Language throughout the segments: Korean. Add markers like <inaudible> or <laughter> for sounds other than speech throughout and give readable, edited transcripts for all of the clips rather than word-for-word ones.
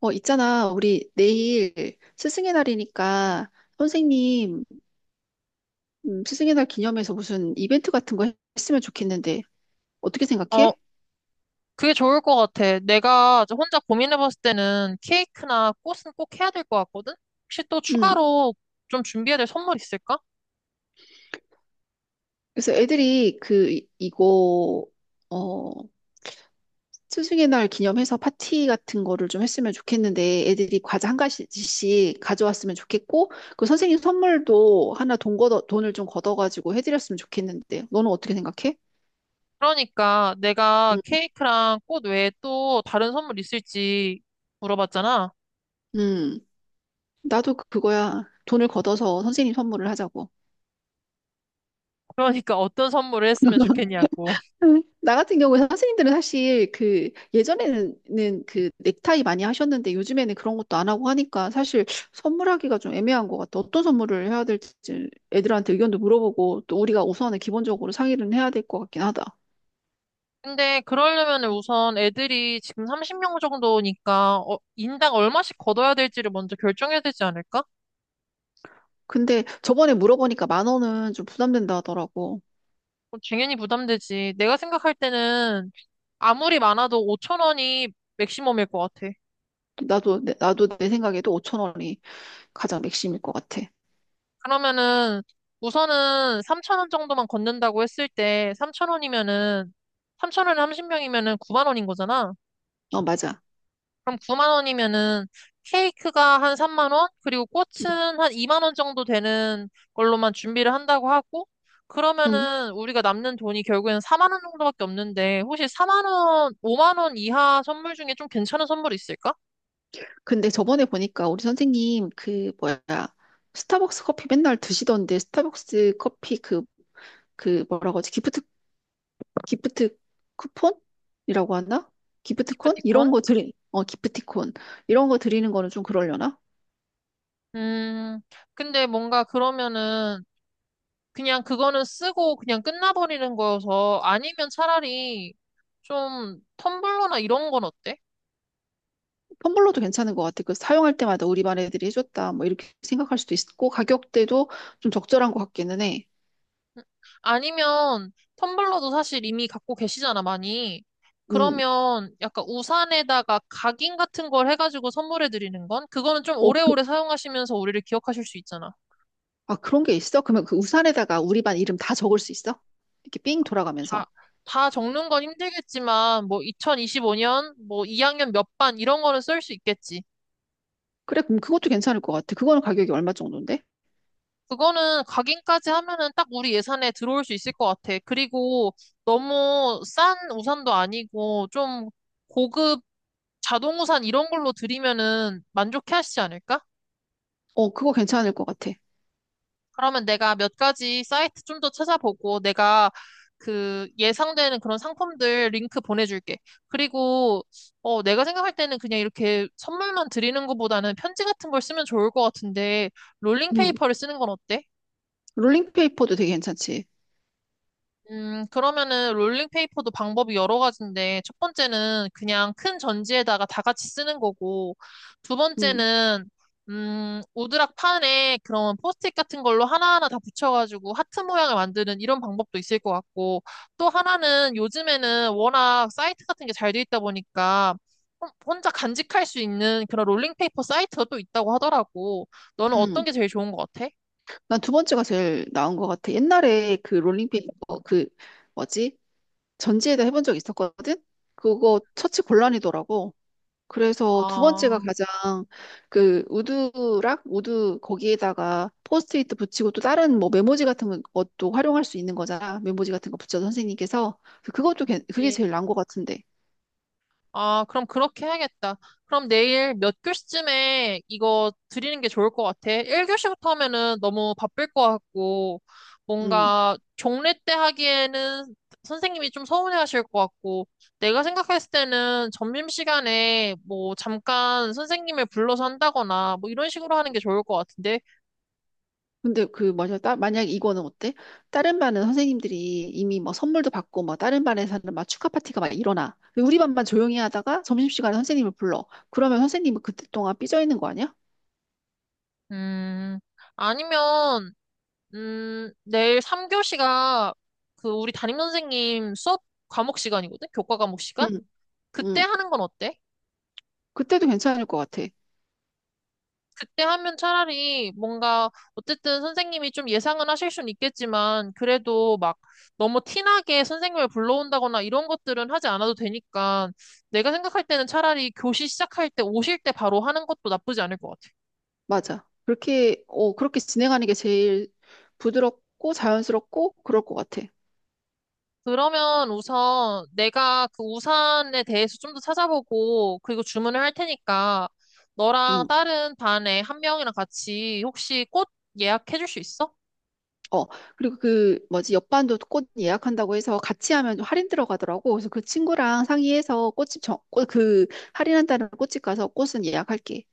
있잖아. 우리 내일 스승의 날이니까 선생님 스승의 날 기념해서 무슨 이벤트 같은 거 했으면 좋겠는데 어떻게 어, 생각해? 그게 좋을 것 같아. 내가 저 혼자 고민해봤을 때는 케이크나 꽃은 꼭 해야 될 것 같거든? 혹시 또 음, 추가로 좀 준비해야 될 선물 있을까? 그래서 애들이 이거 어, 스승의 날 기념해서 파티 같은 거를 좀 했으면 좋겠는데 애들이 과자 한 가지씩 가져왔으면 좋겠고 그 선생님 선물도 하나 돈을 좀 걷어가지고 해드렸으면 좋겠는데 너는 어떻게 생각해? 그러니까 내가 음, 케이크랑 꽃 외에 또 다른 선물 있을지 물어봤잖아. 음, 나도 그거야. 돈을 걷어서 선생님 선물을 하자고. 그러니까 어떤 선물을 했으면 <laughs> 좋겠냐고. 나 같은 경우에 선생님들은 사실 그 예전에는 그 넥타이 많이 하셨는데 요즘에는 그런 것도 안 하고 하니까 사실 선물하기가 좀 애매한 것 같아. 어떤 선물을 해야 될지 애들한테 의견도 물어보고 또 우리가 우선은 기본적으로 상의는 해야 될 것 같긴 하다. 근데 그러려면 우선 애들이 지금 30명 정도니까 인당 얼마씩 걷어야 될지를 먼저 결정해야 되지 않을까? 근데 저번에 물어보니까 만 원은 좀 부담된다 하더라고. 어, 당연히 부담되지. 내가 생각할 때는 아무리 많아도 5천 원이 맥시멈일 것 같아. 나도 내 생각에도 5천 원이 가장 맥심일 것 같아. 그러면은 우선은 3천 원 정도만 걷는다고 했을 때 3천 원이면은 삼천 원에 30명이면은 9만 원인 거잖아. 어, 맞아. 그럼 9만 원이면은 케이크가 한 3만 원, 그리고 응, 꽃은 한 2만 원 정도 되는 걸로만 준비를 한다고 하고 응. 그러면은 우리가 남는 돈이 결국에는 4만 원 정도밖에 없는데 혹시 4만 원, 5만 원 이하 선물 중에 좀 괜찮은 선물 있을까? 근데 저번에 보니까 우리 선생님 그 뭐야 스타벅스 커피 맨날 드시던데 스타벅스 커피 그 뭐라고 하지 기프트 기프트 쿠폰이라고 하나? 기프트콘 이런 기프티콘? 거 드리 어 기프티콘 이런 거 드리는 거는 좀 그러려나? 음, 근데 뭔가 그러면은 그냥 그거는 쓰고 그냥 끝나버리는 거여서 아니면 차라리 좀 텀블러나 이런 건 어때? 텀블러도 괜찮은 것 같아. 그 사용할 때마다 우리 반 애들이 해줬다 뭐 이렇게 생각할 수도 있고 가격대도 좀 적절한 것 같기는 해. 음, 아니면 텀블러도 사실 이미 갖고 계시잖아, 많이. 음, 그러면 약간 우산에다가 각인 같은 걸 해가지고 선물해 드리는 건? 그거는 좀 어, 그, 오래오래 사용하시면서 우리를 기억하실 수 있잖아. 아 그런 게 있어? 그러면 그 우산에다가 우리 반 이름 다 적을 수 있어? 이렇게 삥 다, 돌아가면서. 다 적는 건 힘들겠지만, 뭐 2025년, 뭐 2학년 몇 반 이런 거는 쓸 수 있겠지. 그래, 그럼 그것도 괜찮을 것 같아. 그거는 가격이 얼마 정도인데? 그거는 각인까지 하면은 딱 우리 예산에 들어올 수 있을 것 같아. 그리고 너무 싼 우산도 아니고 좀 고급 자동 우산 이런 걸로 드리면은 만족해 하시지 않을까? 어, 그거 괜찮을 것 같아. 그러면 내가 몇 가지 사이트 좀 더 찾아보고 내가 그 예상되는 그런 상품들 링크 보내줄게. 그리고 내가 생각할 때는 그냥 이렇게 선물만 드리는 것보다는 편지 같은 걸 쓰면 좋을 것 같은데 음. 롤링페이퍼를 쓰는 건 어때? 롤링페이퍼도 되게 괜찮지. 그러면은 롤링페이퍼도 방법이 여러 가지인데, 첫 번째는 그냥 큰 전지에다가 다 같이 쓰는 거고, 두 음. 번째는, 오드락 판에 그런 포스트잇 같은 걸로 하나하나 다 붙여가지고 하트 모양을 만드는 이런 방법도 있을 것 같고, 또 하나는 요즘에는 워낙 사이트 같은 게 잘 돼 있다 보니까, 혼자 간직할 수 있는 그런 롤링페이퍼 사이트가 또 있다고 하더라고. 너는 어떤 음. 게 제일 좋은 것 같아? 난 두 번째가 제일 나은 것 같아. 옛날에 롤링페이퍼, 뭐지? 전지에다 해본 적 있었거든? 그거 처치 곤란이더라고. 그래서 두 아, 번째가 가장 그 우드락? 우드 거기에다가 포스트잇 붙이고 또 다른 뭐 메모지 같은 것도 활용할 수 있는 거잖아. 메모지 같은 거 붙여서 선생님께서. 그게 그치. 제일 나은 것 같은데. 아, 그럼 그렇게 해야겠다. 그럼 내일 몇 교시쯤에 이거 드리는 게 좋을 것 같아. 1교시부터 하면은 너무 바쁠 것 같고, 음. 뭔가 종례 때 하기에는 선생님이 좀 서운해 하실 것 같고, 내가 생각했을 때는 점심시간에 뭐 잠깐 선생님을 불러서 한다거나 뭐 이런 식으로 하는 게 좋을 것 같은데, 근데 만약 이거는 어때? 다른 반은 선생님들이 이미 뭐 선물도 받고 뭐 다른 반에서는 막 축하 파티가 막 일어나. 근데 우리 반만 조용히 하다가 점심시간에 선생님을 불러. 그러면 선생님은 그때 동안 삐져 있는 거 아니야? 음, 아니면, 내일 3교시가 그 우리 담임선생님 수업 과목 시간이거든? 교과 과목 응, 시간? 그때 응. 하는 건 어때? 그때도 괜찮을 것 같아. 그때 하면 차라리 뭔가 어쨌든 선생님이 좀 예상은 하실 수는 있겠지만 그래도 막 너무 티나게 선생님을 불러온다거나 이런 것들은 하지 않아도 되니까 내가 생각할 때는 차라리 교시 시작할 때 오실 때 바로 하는 것도 나쁘지 않을 것 같아. 맞아. 그렇게 진행하는 게 제일 부드럽고 자연스럽고 그럴 것 같아. 그러면 우선 내가 그 우산에 대해서 좀 더 찾아보고 그리고 주문을 할 테니까 너랑 응. 다른 반에 한 명이랑 같이 혹시 꽃 예약해 줄 수 있어? 어, 그리고 뭐지, 옆반도 꽃 예약한다고 해서 같이 하면 좀 할인 들어가더라고. 그래서 그 친구랑 상의해서 꽃집 정, 꽃, 그, 할인한다는 꽃집 가서 꽃은 예약할게.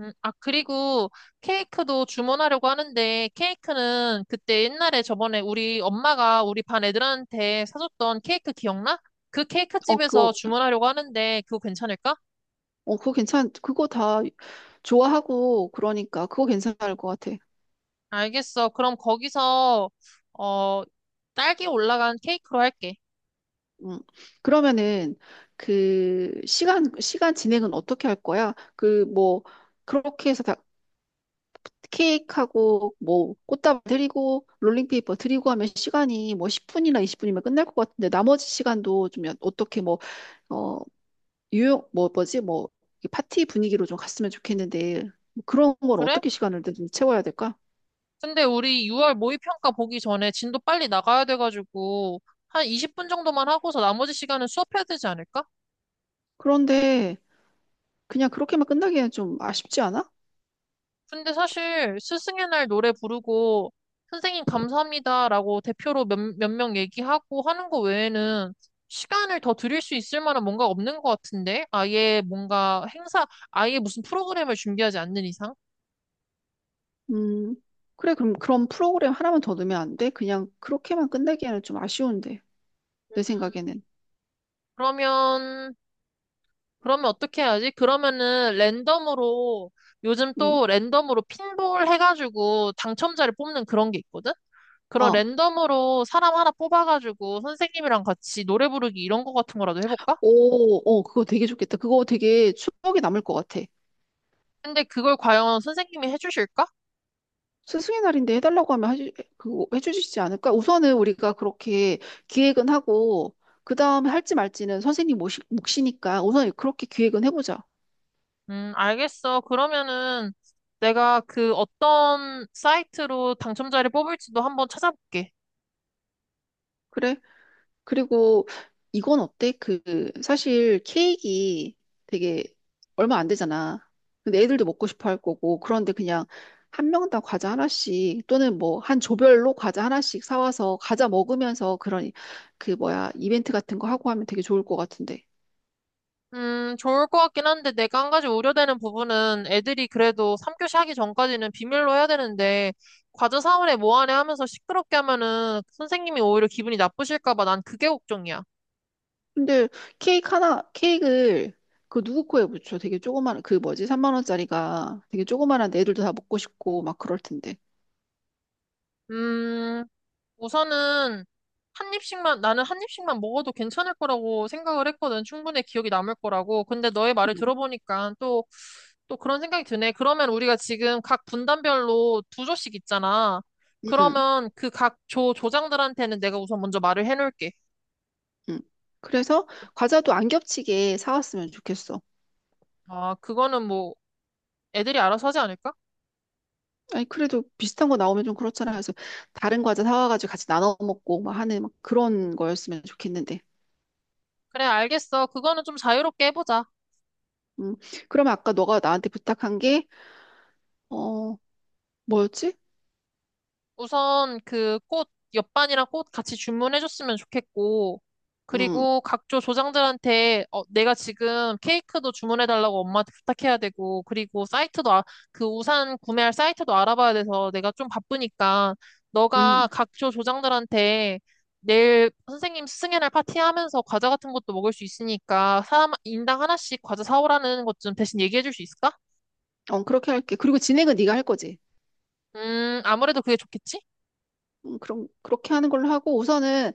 아, 그리고 케이크도 주문하려고 하는데, 케이크는 그때 옛날에 저번에 우리 엄마가 우리 반 애들한테 사줬던 케이크 기억나? 그 케이크 어, 집에서 그거, 주문하려고 하는데, 그거 괜찮을까? 그거 다 좋아하고 그러니까 그거 괜찮을 것 같아. 알겠어. 그럼 거기서, 어, 딸기 올라간 케이크로 할게. 음. 그러면은 그 시간 진행은 어떻게 할 거야? 그 뭐 그렇게 해서 다 케이크하고 뭐 꽃다발 드리고 롤링페이퍼 드리고 하면 시간이 뭐 10분이나 20분이면 끝날 것 같은데 나머지 시간도 좀 연- 어떻게 뭐 어 유용 뭐 뭐지 뭐이 파티 분위기로 좀 갔으면 좋겠는데 뭐 그런 건 그래? 어떻게 시간을 좀 채워야 될까? 근데 우리 6월 모의평가 보기 전에 진도 빨리 나가야 돼가지고, 한 20분 정도만 하고서 나머지 시간은 수업해야 되지 않을까? 그런데 그냥 그렇게만 끝나기에는 좀 아쉽지 않아? 근데 사실 스승의 날 노래 부르고 선생님 감사합니다라고 대표로 몇 명 얘기하고 하는 거 외에는 시간을 더 드릴 수 있을 만한 뭔가 없는 것 같은데? 아예 뭔가 행사, 아예 무슨 프로그램을 준비하지 않는 이상? 음 그래 그럼 그런 프로그램 하나만 더 넣으면 안 돼? 그냥 그렇게만 끝나기에는 좀 아쉬운데 내 생각에는 그러면, 그러면 어떻게 해야지? 그러면은 랜덤으로, 요즘 음 또 랜덤으로 핀볼 해가지고 당첨자를 뽑는 그런 게 있거든? 그런 어. 랜덤으로 사람 하나 뽑아가지고 선생님이랑 같이 노래 부르기 이런 거 같은 거라도 해볼까? 그거 되게 좋겠다. 그거 되게 추억이 남을 것 같아. 근데 그걸 과연 선생님이 해주실까? 스승의 날인데 해달라고 하면 해주, 그, 해주시지 않을까? 우선은 우리가 그렇게 기획은 하고, 그 다음에 할지 말지는 선생님 모시, 몫이니까 우선 그렇게 기획은 해보자. 알겠어. 그러면은 내가 그 어떤 사이트로 당첨자를 뽑을지도 한번 찾아볼게. 그래? 그리고 이건 어때? 그, 사실 케이크 되게 얼마 안 되잖아. 근데 애들도 먹고 싶어 할 거고, 그런데 그냥 한 명당 과자 하나씩 또는 뭐 한 조별로 과자 하나씩 사와서 과자 먹으면서 그런 그 뭐야 이벤트 같은 거 하고 하면 되게 좋을 것 같은데. 좋을 것 같긴 한데 내가 한 가지 우려되는 부분은 애들이 그래도 3교시 하기 전까지는 비밀로 해야 되는데 과제 사원에 뭐하네 하면서 시끄럽게 하면은 선생님이 오히려 기분이 나쁘실까 봐 난 그게 걱정이야. 근데 케이크를 그 누구 코에 붙여? 되게 조그마한, 그 뭐지? 3만 원짜리가 되게 조그마한 애들도 다 먹고 싶고 막 그럴 텐데. 음, 우선은 한 입씩만, 나는 한 입씩만 먹어도 괜찮을 거라고 생각을 했거든. 충분히 기억이 남을 거라고. 근데 너의 말을 응, 들어보니까 또, 또 그런 생각이 드네. 그러면 우리가 지금 각 분단별로 두 조씩 있잖아. 응. 그러면 그 각 조, 조장들한테는 내가 우선 먼저 말을 해놓을게. 응. 그래서 과자도 안 겹치게 사왔으면 좋겠어. 아, 그거는 뭐 애들이 알아서 하지 않을까? 아니, 그래도 비슷한 거 나오면 좀 그렇잖아. 그래서 다른 과자 사와가지고 같이 나눠 먹고 막 하는 막 그런 거였으면 좋겠는데. 그래, 알겠어. 그거는 좀 자유롭게 해보자. 음, 그러면 아까 너가 나한테 부탁한 게, 어, 뭐였지? 우선 그 꽃, 옆반이랑 꽃 같이 주문해줬으면 좋겠고, 음, 그리고 각조 조장들한테 어, 내가 지금 케이크도 주문해달라고 엄마한테 부탁해야 되고, 그리고 사이트도, 아, 그 우산 구매할 사이트도 알아봐야 돼서 내가 좀 바쁘니까, 너가 음, 각조 조장들한테 내일 선생님 스승의 날 파티하면서 과자 같은 것도 먹을 수 있으니까, 사람 인당 하나씩 과자 사오라는 것 좀 대신 얘기해줄 수 있을까? 어, 그렇게 할게. 그리고 진행은 네가 할 거지. 아무래도 그게 좋겠지? 그럼, 그렇게 하는 걸로 하고 우선은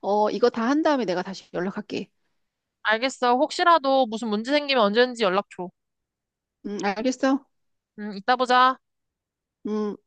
어, 이거 다 한 다음에 내가 다시 연락할게. 알겠어. 혹시라도 무슨 문제 생기면 언제든지 연락 줘. 알겠어? 이따 보자. 음.